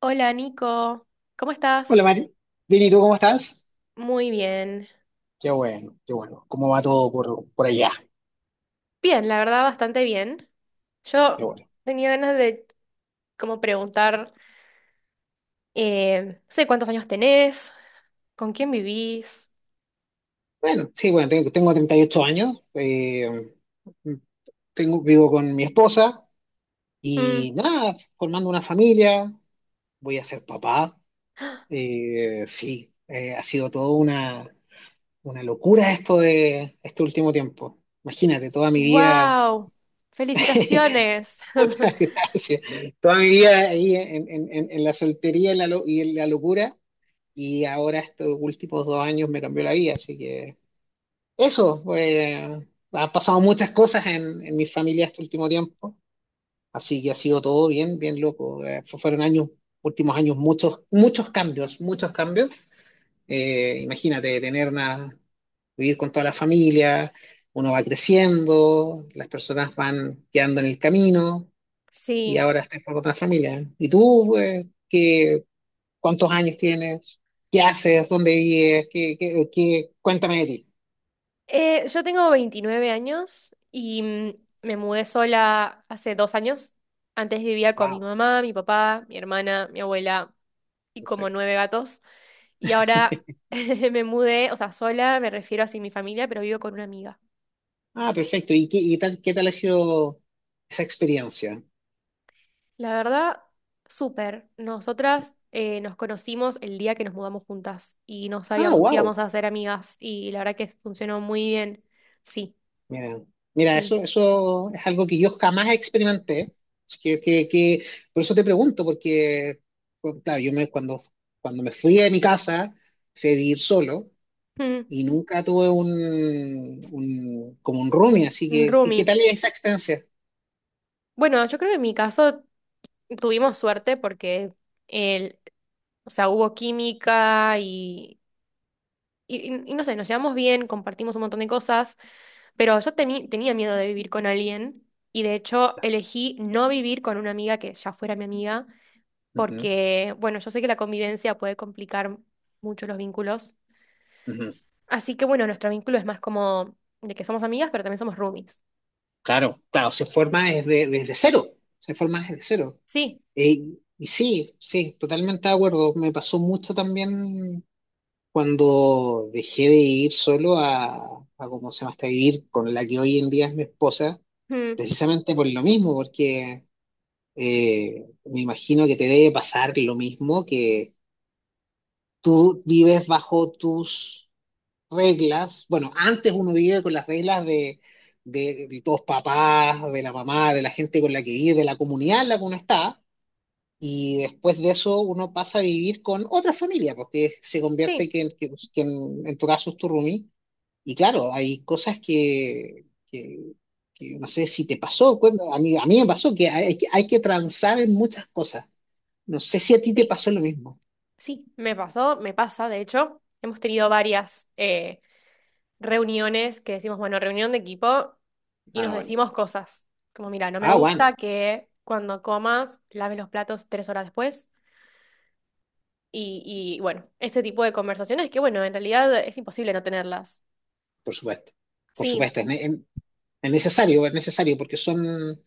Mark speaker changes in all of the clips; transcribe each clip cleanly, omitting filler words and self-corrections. Speaker 1: Hola Nico, ¿cómo
Speaker 2: Hola
Speaker 1: estás?
Speaker 2: Mari, bien, ¿y tú cómo estás?
Speaker 1: Muy bien.
Speaker 2: Qué bueno, qué bueno. ¿Cómo va todo por allá?
Speaker 1: Bien, la verdad, bastante bien.
Speaker 2: Qué
Speaker 1: Yo
Speaker 2: bueno.
Speaker 1: tenía ganas de como preguntar, no sé cuántos años tenés, con quién vivís.
Speaker 2: Bueno, sí, bueno, tengo 38 años, tengo, vivo con mi esposa y nada, formando una familia, voy a ser papá. Sí, ha sido todo una locura esto de este último tiempo. Imagínate, toda mi vida,
Speaker 1: Wow, felicitaciones.
Speaker 2: muchas gracias, toda mi vida ahí en la soltería y la y en la locura. Y ahora estos últimos 2 años me cambió la vida, así que eso, pues, han pasado muchas cosas en mi familia este último tiempo, así que ha sido todo bien, bien loco. Fueron años, últimos años, muchos, muchos cambios, muchos cambios. Imagínate tener una, vivir con toda la familia, uno va creciendo, las personas van quedando en el camino y
Speaker 1: Sí.
Speaker 2: ahora estoy con otra familia. ¿Y tú, pues, qué, ¿cuántos años tienes? ¿Qué haces? ¿Dónde vives? ¿Qué? Cuéntame de ti.
Speaker 1: Yo tengo 29 años y me mudé sola hace 2 años. Antes vivía con mi
Speaker 2: Wow,
Speaker 1: mamá, mi papá, mi hermana, mi abuela y como
Speaker 2: perfecto.
Speaker 1: nueve gatos. Y ahora me mudé, o sea, sola, me refiero así a sin mi familia, pero vivo con una amiga.
Speaker 2: Ah, perfecto. ¿Y qué, y tal, qué tal ha sido esa experiencia?
Speaker 1: La verdad, súper. Nosotras nos conocimos el día que nos mudamos juntas y no
Speaker 2: Ah,
Speaker 1: sabíamos que
Speaker 2: wow.
Speaker 1: íbamos a ser amigas y la verdad que funcionó muy bien. Sí,
Speaker 2: Mira, mira,
Speaker 1: sí.
Speaker 2: eso es algo que yo jamás experimenté. Es que. Por eso te pregunto, porque, pues, claro, yo me, cuando, cuando me fui de mi casa, fui a vivir solo
Speaker 1: Mm,
Speaker 2: y nunca tuve un como un roomie, así
Speaker 1: un
Speaker 2: que, ¿qué, qué
Speaker 1: roomie.
Speaker 2: tal esa experiencia?
Speaker 1: Bueno, yo creo que en mi caso tuvimos suerte porque el, o sea, hubo química y y no sé, nos llevamos bien, compartimos un montón de cosas, pero tenía miedo de vivir con alguien y de hecho elegí no vivir con una amiga que ya fuera mi amiga,
Speaker 2: Ujú,
Speaker 1: porque, bueno, yo sé que la convivencia puede complicar mucho los vínculos.
Speaker 2: ujú.
Speaker 1: Así que, bueno, nuestro vínculo es más como de que somos amigas, pero también somos roomies.
Speaker 2: Claro, claro, se forma desde, desde cero, se forma desde cero.
Speaker 1: Sí,
Speaker 2: Eh, y sí, sí, totalmente de acuerdo. Me pasó mucho también cuando dejé de ir solo a cómo se llama, hasta vivir con la que hoy en día es mi esposa,
Speaker 1: mm,
Speaker 2: precisamente por lo mismo, porque me imagino que te debe pasar lo mismo, que tú vives bajo tus reglas. Bueno, antes uno vive con las reglas de los papás, de la mamá, de la gente con la que vive, de la comunidad en la que uno está. Y después de eso uno pasa a vivir con otra familia, porque se convierte
Speaker 1: sí,
Speaker 2: que en tu caso es tu roomie. Y claro, hay cosas que no sé si te pasó, cuéntame, a mí me pasó que hay, que hay que transar en muchas cosas. No sé si a ti te
Speaker 1: sí,
Speaker 2: pasó lo mismo.
Speaker 1: sí, me pasó, me pasa, de hecho, hemos tenido varias. Reuniones que decimos, bueno, reunión de equipo y
Speaker 2: Ah,
Speaker 1: nos
Speaker 2: bueno.
Speaker 1: decimos cosas. Como, mira, no me
Speaker 2: Ah, bueno,
Speaker 1: gusta que cuando comas laves los platos 3 horas después. Y bueno, ese tipo de conversaciones que, bueno, en realidad es imposible no tenerlas.
Speaker 2: por supuesto. Por
Speaker 1: Sí,
Speaker 2: supuesto, es, es necesario, es necesario, porque son,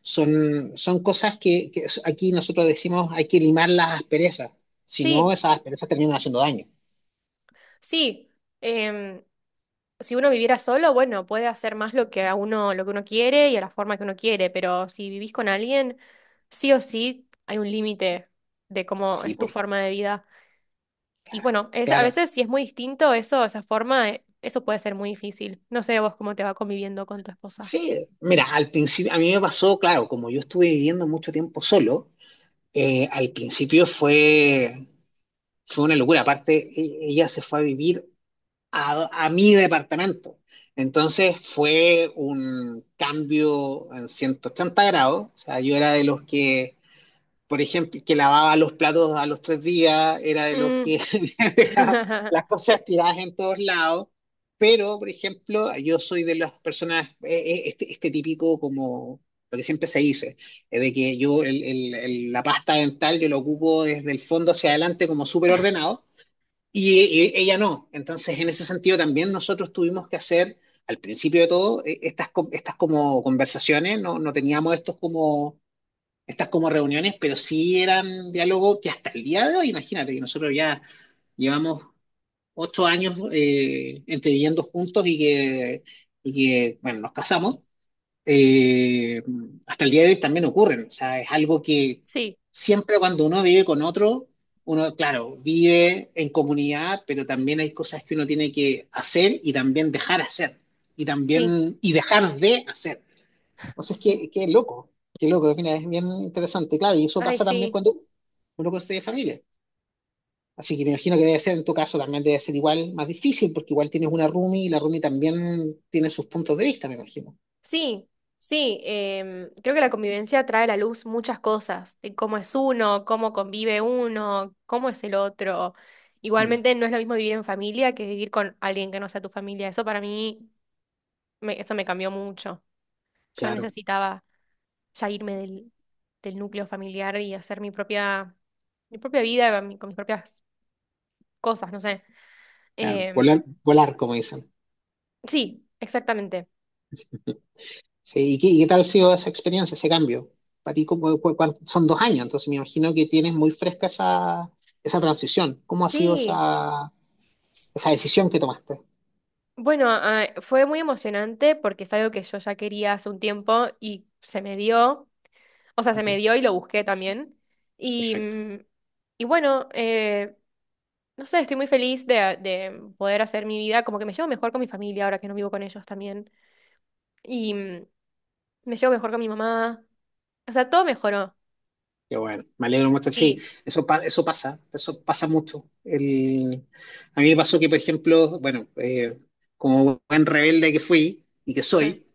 Speaker 2: son, son cosas que aquí nosotros decimos hay que limar las asperezas, si no
Speaker 1: sí,
Speaker 2: esas asperezas terminan haciendo daño.
Speaker 1: sí. Em, si uno viviera solo, bueno, puede hacer más lo que a uno, lo que uno quiere y a la forma que uno quiere, pero si vivís con alguien, sí o sí hay un límite de cómo
Speaker 2: Sí,
Speaker 1: es tu
Speaker 2: por,
Speaker 1: forma de vida. Y
Speaker 2: claro,
Speaker 1: bueno, es, a
Speaker 2: claro.
Speaker 1: veces si es muy distinto eso, esa forma, eso puede ser muy difícil. No sé vos cómo te va conviviendo con tu esposa.
Speaker 2: Sí, mira, al principio, a mí me pasó, claro, como yo estuve viviendo mucho tiempo solo, al principio fue, fue una locura. Aparte, ella se fue a vivir a mi departamento. Entonces fue un cambio en 180 grados. O sea, yo era de los que por ejemplo, que lavaba los platos a los 3 días, era de los que
Speaker 1: Mm.
Speaker 2: dejaba las cosas tiradas en todos lados. Pero, por ejemplo, yo soy de las personas, este, este típico como lo que siempre se dice, es de que yo la pasta dental yo la ocupo desde el fondo hacia adelante como súper ordenado y, ella no. Entonces, en ese sentido también nosotros tuvimos que hacer, al principio de todo, estas, estas como conversaciones, no teníamos estos como estas como reuniones, pero sí eran diálogos que hasta el día de hoy, imagínate, que nosotros ya llevamos 8 años entre viviendo juntos y bueno, nos casamos, eh, hasta el día de hoy también ocurren. O sea, es algo que
Speaker 1: Sí,
Speaker 2: siempre cuando uno vive con otro, uno, claro, vive en comunidad, pero también hay cosas que uno tiene que hacer y también dejar hacer, y
Speaker 1: sí,
Speaker 2: también, y dejar de hacer. O sea
Speaker 1: sí.
Speaker 2: entonces, que qué loco, mira, es bien interesante, claro, y eso
Speaker 1: Ay,
Speaker 2: pasa también
Speaker 1: sí.
Speaker 2: cuando uno construye familia. Así que me imagino que debe ser, en tu caso, también debe ser igual más difícil, porque igual tienes una roomie y la roomie también tiene sus puntos de vista, me imagino.
Speaker 1: Sí, sí. Creo que la convivencia trae a la luz muchas cosas, de cómo es uno, cómo convive uno, cómo es el otro.
Speaker 2: Mm,
Speaker 1: Igualmente no es lo mismo vivir en familia que vivir con alguien que no sea tu familia. Eso para mí, eso me cambió mucho. Yo
Speaker 2: claro,
Speaker 1: necesitaba ya irme del núcleo familiar y hacer mi propia vida con, con mis propias cosas, no sé.
Speaker 2: claro,
Speaker 1: Em,
Speaker 2: volar, volar, como dicen.
Speaker 1: sí, exactamente.
Speaker 2: Sí, y qué tal ha sido esa experiencia, ese cambio? Para ti, son 2 años, entonces me imagino que tienes muy fresca esa, esa transición. ¿Cómo ha sido
Speaker 1: Sí,
Speaker 2: esa, esa decisión que tomaste?
Speaker 1: bueno, ah, fue muy emocionante porque es algo que yo ya quería hace un tiempo y se me dio, o sea, se me
Speaker 2: Ujú,
Speaker 1: dio y lo busqué también. Y,
Speaker 2: perfecto.
Speaker 1: mm, y bueno, no sé, estoy muy feliz de poder hacer mi vida, como que me llevo mejor con mi familia ahora que no vivo con ellos también. Y, me llevo mejor con mi mamá. O sea, todo mejoró.
Speaker 2: Qué bueno, me alegro mucho. Sí,
Speaker 1: Sí.
Speaker 2: eso, eso pasa mucho. El, a mí me pasó que, por ejemplo, bueno, como buen rebelde que fui y que
Speaker 1: Ujú.
Speaker 2: soy,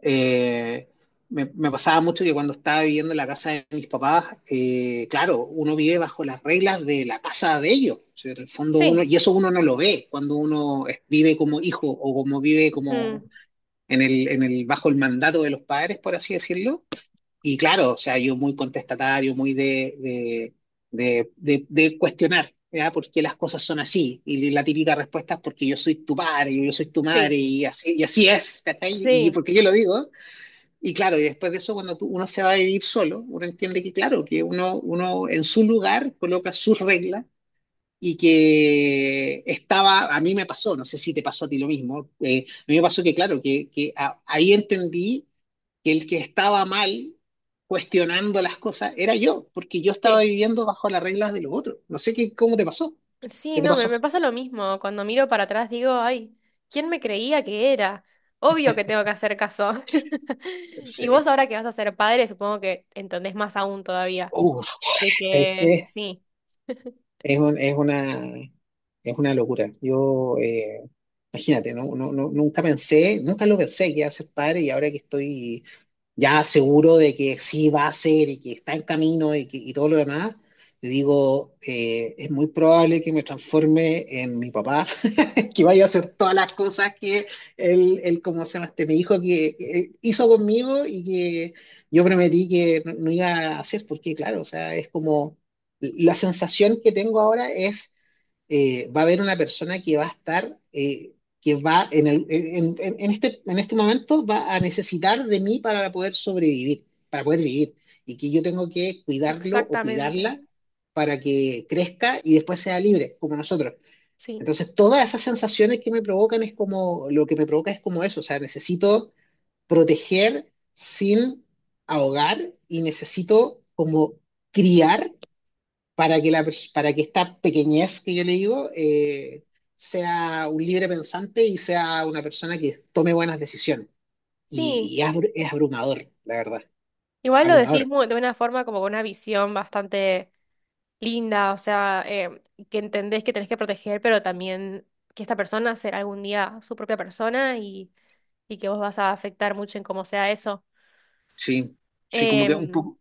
Speaker 2: eh, me pasaba mucho que cuando estaba viviendo en la casa de mis papás, claro, uno vive bajo las reglas de la casa de ellos. O sea, en el fondo
Speaker 1: Sí.
Speaker 2: uno, y eso uno no lo ve cuando uno vive como hijo o como vive como
Speaker 1: Ujú.
Speaker 2: en el, bajo el mandato de los padres, por así decirlo y claro, o sea, yo muy contestatario, muy de cuestionar, ¿ya? ¿Por qué las cosas son así? Y la típica respuesta es porque yo soy tu padre, yo soy tu madre,
Speaker 1: Sí.
Speaker 2: y así es, ¿cachai? Y
Speaker 1: Sí.
Speaker 2: porque yo lo digo. Y claro, y después de eso, cuando uno se va a vivir solo, uno entiende que, claro, que uno, uno en su lugar coloca sus reglas y que estaba, a mí me pasó, no sé si te pasó a ti lo mismo, a mí me pasó que claro, ahí entendí que el que estaba mal cuestionando las cosas era yo, porque yo estaba
Speaker 1: Sí.
Speaker 2: viviendo bajo las reglas de los otros. No sé qué, cómo te pasó,
Speaker 1: Sí,
Speaker 2: qué te
Speaker 1: no, me,
Speaker 2: pasó.
Speaker 1: me pasa lo mismo. Cuando miro para atrás digo, ay, ¿quién me creía que era? Obvio que tengo que hacer caso. Y vos
Speaker 2: Sí.
Speaker 1: ahora que vas a ser padre, supongo que entendés más aún todavía.
Speaker 2: Uf,
Speaker 1: De
Speaker 2: ¿sabéis
Speaker 1: que
Speaker 2: qué?
Speaker 1: sí,
Speaker 2: Es un, es una locura. Yo, imagínate, nunca pensé, nunca lo pensé que iba a ser padre y ahora que estoy ya seguro de que sí va a ser y que está en camino y, que, y todo lo demás, yo digo, es muy probable que me transforme en mi papá, que vaya a hacer todas las cosas que él como se llama este, mi hijo que hizo conmigo y que yo prometí que no iba a hacer, porque claro, o sea, es como la sensación que tengo ahora es, va a haber una persona que va a estar, que va en este, en este momento va a necesitar de mí para poder sobrevivir, para poder vivir, y que yo tengo que cuidarlo o
Speaker 1: exactamente.
Speaker 2: cuidarla para que crezca y después sea libre, como nosotros.
Speaker 1: Sí.
Speaker 2: Entonces, todas esas sensaciones que me provocan es como, lo que me provoca es como eso, o sea, necesito proteger sin ahogar y necesito como criar para que, la, para que esta pequeñez que yo le digo sea un libre pensante y sea una persona que tome buenas decisiones.
Speaker 1: Sí.
Speaker 2: Y, es abrumador, la verdad,
Speaker 1: Igual
Speaker 2: abrumador.
Speaker 1: de una forma como con una visión bastante linda, o sea, que entendés que tenés que proteger, pero también que esta persona será algún día su propia persona y que vos vas a afectar mucho en cómo sea eso.
Speaker 2: Sí, sí, como que
Speaker 1: Em,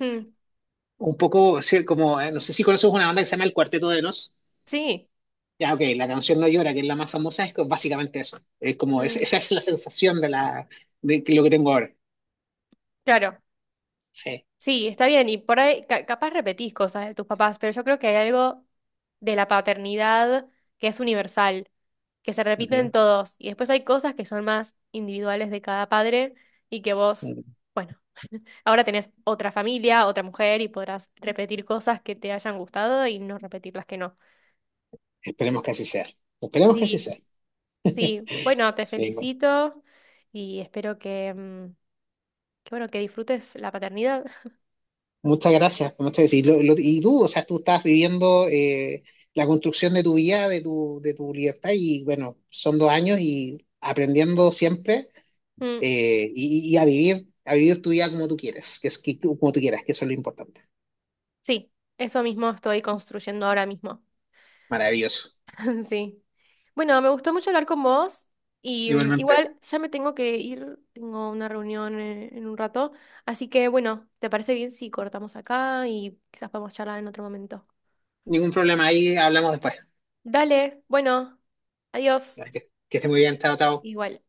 Speaker 1: mm,
Speaker 2: un poco, sí, como, no sé si conoces una banda que se llama El Cuarteto de Nos.
Speaker 1: sí,
Speaker 2: Ya, ok, la canción No Llora, que es la más famosa, es básicamente eso. Es como,
Speaker 1: mm,
Speaker 2: esa es la sensación de, la, lo que tengo ahora.
Speaker 1: claro,
Speaker 2: Sí.
Speaker 1: sí, está bien, y por ahí capaz repetís cosas de tus papás, pero yo creo que hay algo de la paternidad que es universal, que se repite
Speaker 2: Ujú.
Speaker 1: en todos, y después hay cosas que son más individuales de cada padre y que vos... Bueno, ahora tenés otra familia, otra mujer y podrás repetir cosas que te hayan gustado y no repetir las que no.
Speaker 2: Esperemos que así sea. Esperemos que así
Speaker 1: Sí,
Speaker 2: sea.
Speaker 1: sí. Bueno, te
Speaker 2: Sí, bueno.
Speaker 1: felicito y espero que, mm, que bueno, que disfrutes la paternidad.
Speaker 2: Muchas gracias. Y, y tú, o sea, tú estás viviendo la construcción de tu vida, de tu libertad, y bueno, son 2 años y aprendiendo siempre
Speaker 1: Mm,
Speaker 2: y a vivir tu vida como tú quieres, que es como tú quieras, que eso es lo importante.
Speaker 1: sí, eso mismo estoy construyendo ahora mismo.
Speaker 2: Maravilloso.
Speaker 1: Sí. Bueno, me gustó mucho hablar con vos y mm,
Speaker 2: Igualmente.
Speaker 1: igual ya me tengo que ir, tengo una reunión en un rato, así que bueno, ¿te parece bien si cortamos acá y quizás podemos charlar en otro momento?
Speaker 2: Ningún problema, ahí hablamos después.
Speaker 1: Dale, bueno, adiós.
Speaker 2: Que esté muy bien, chao, chao.
Speaker 1: Igual.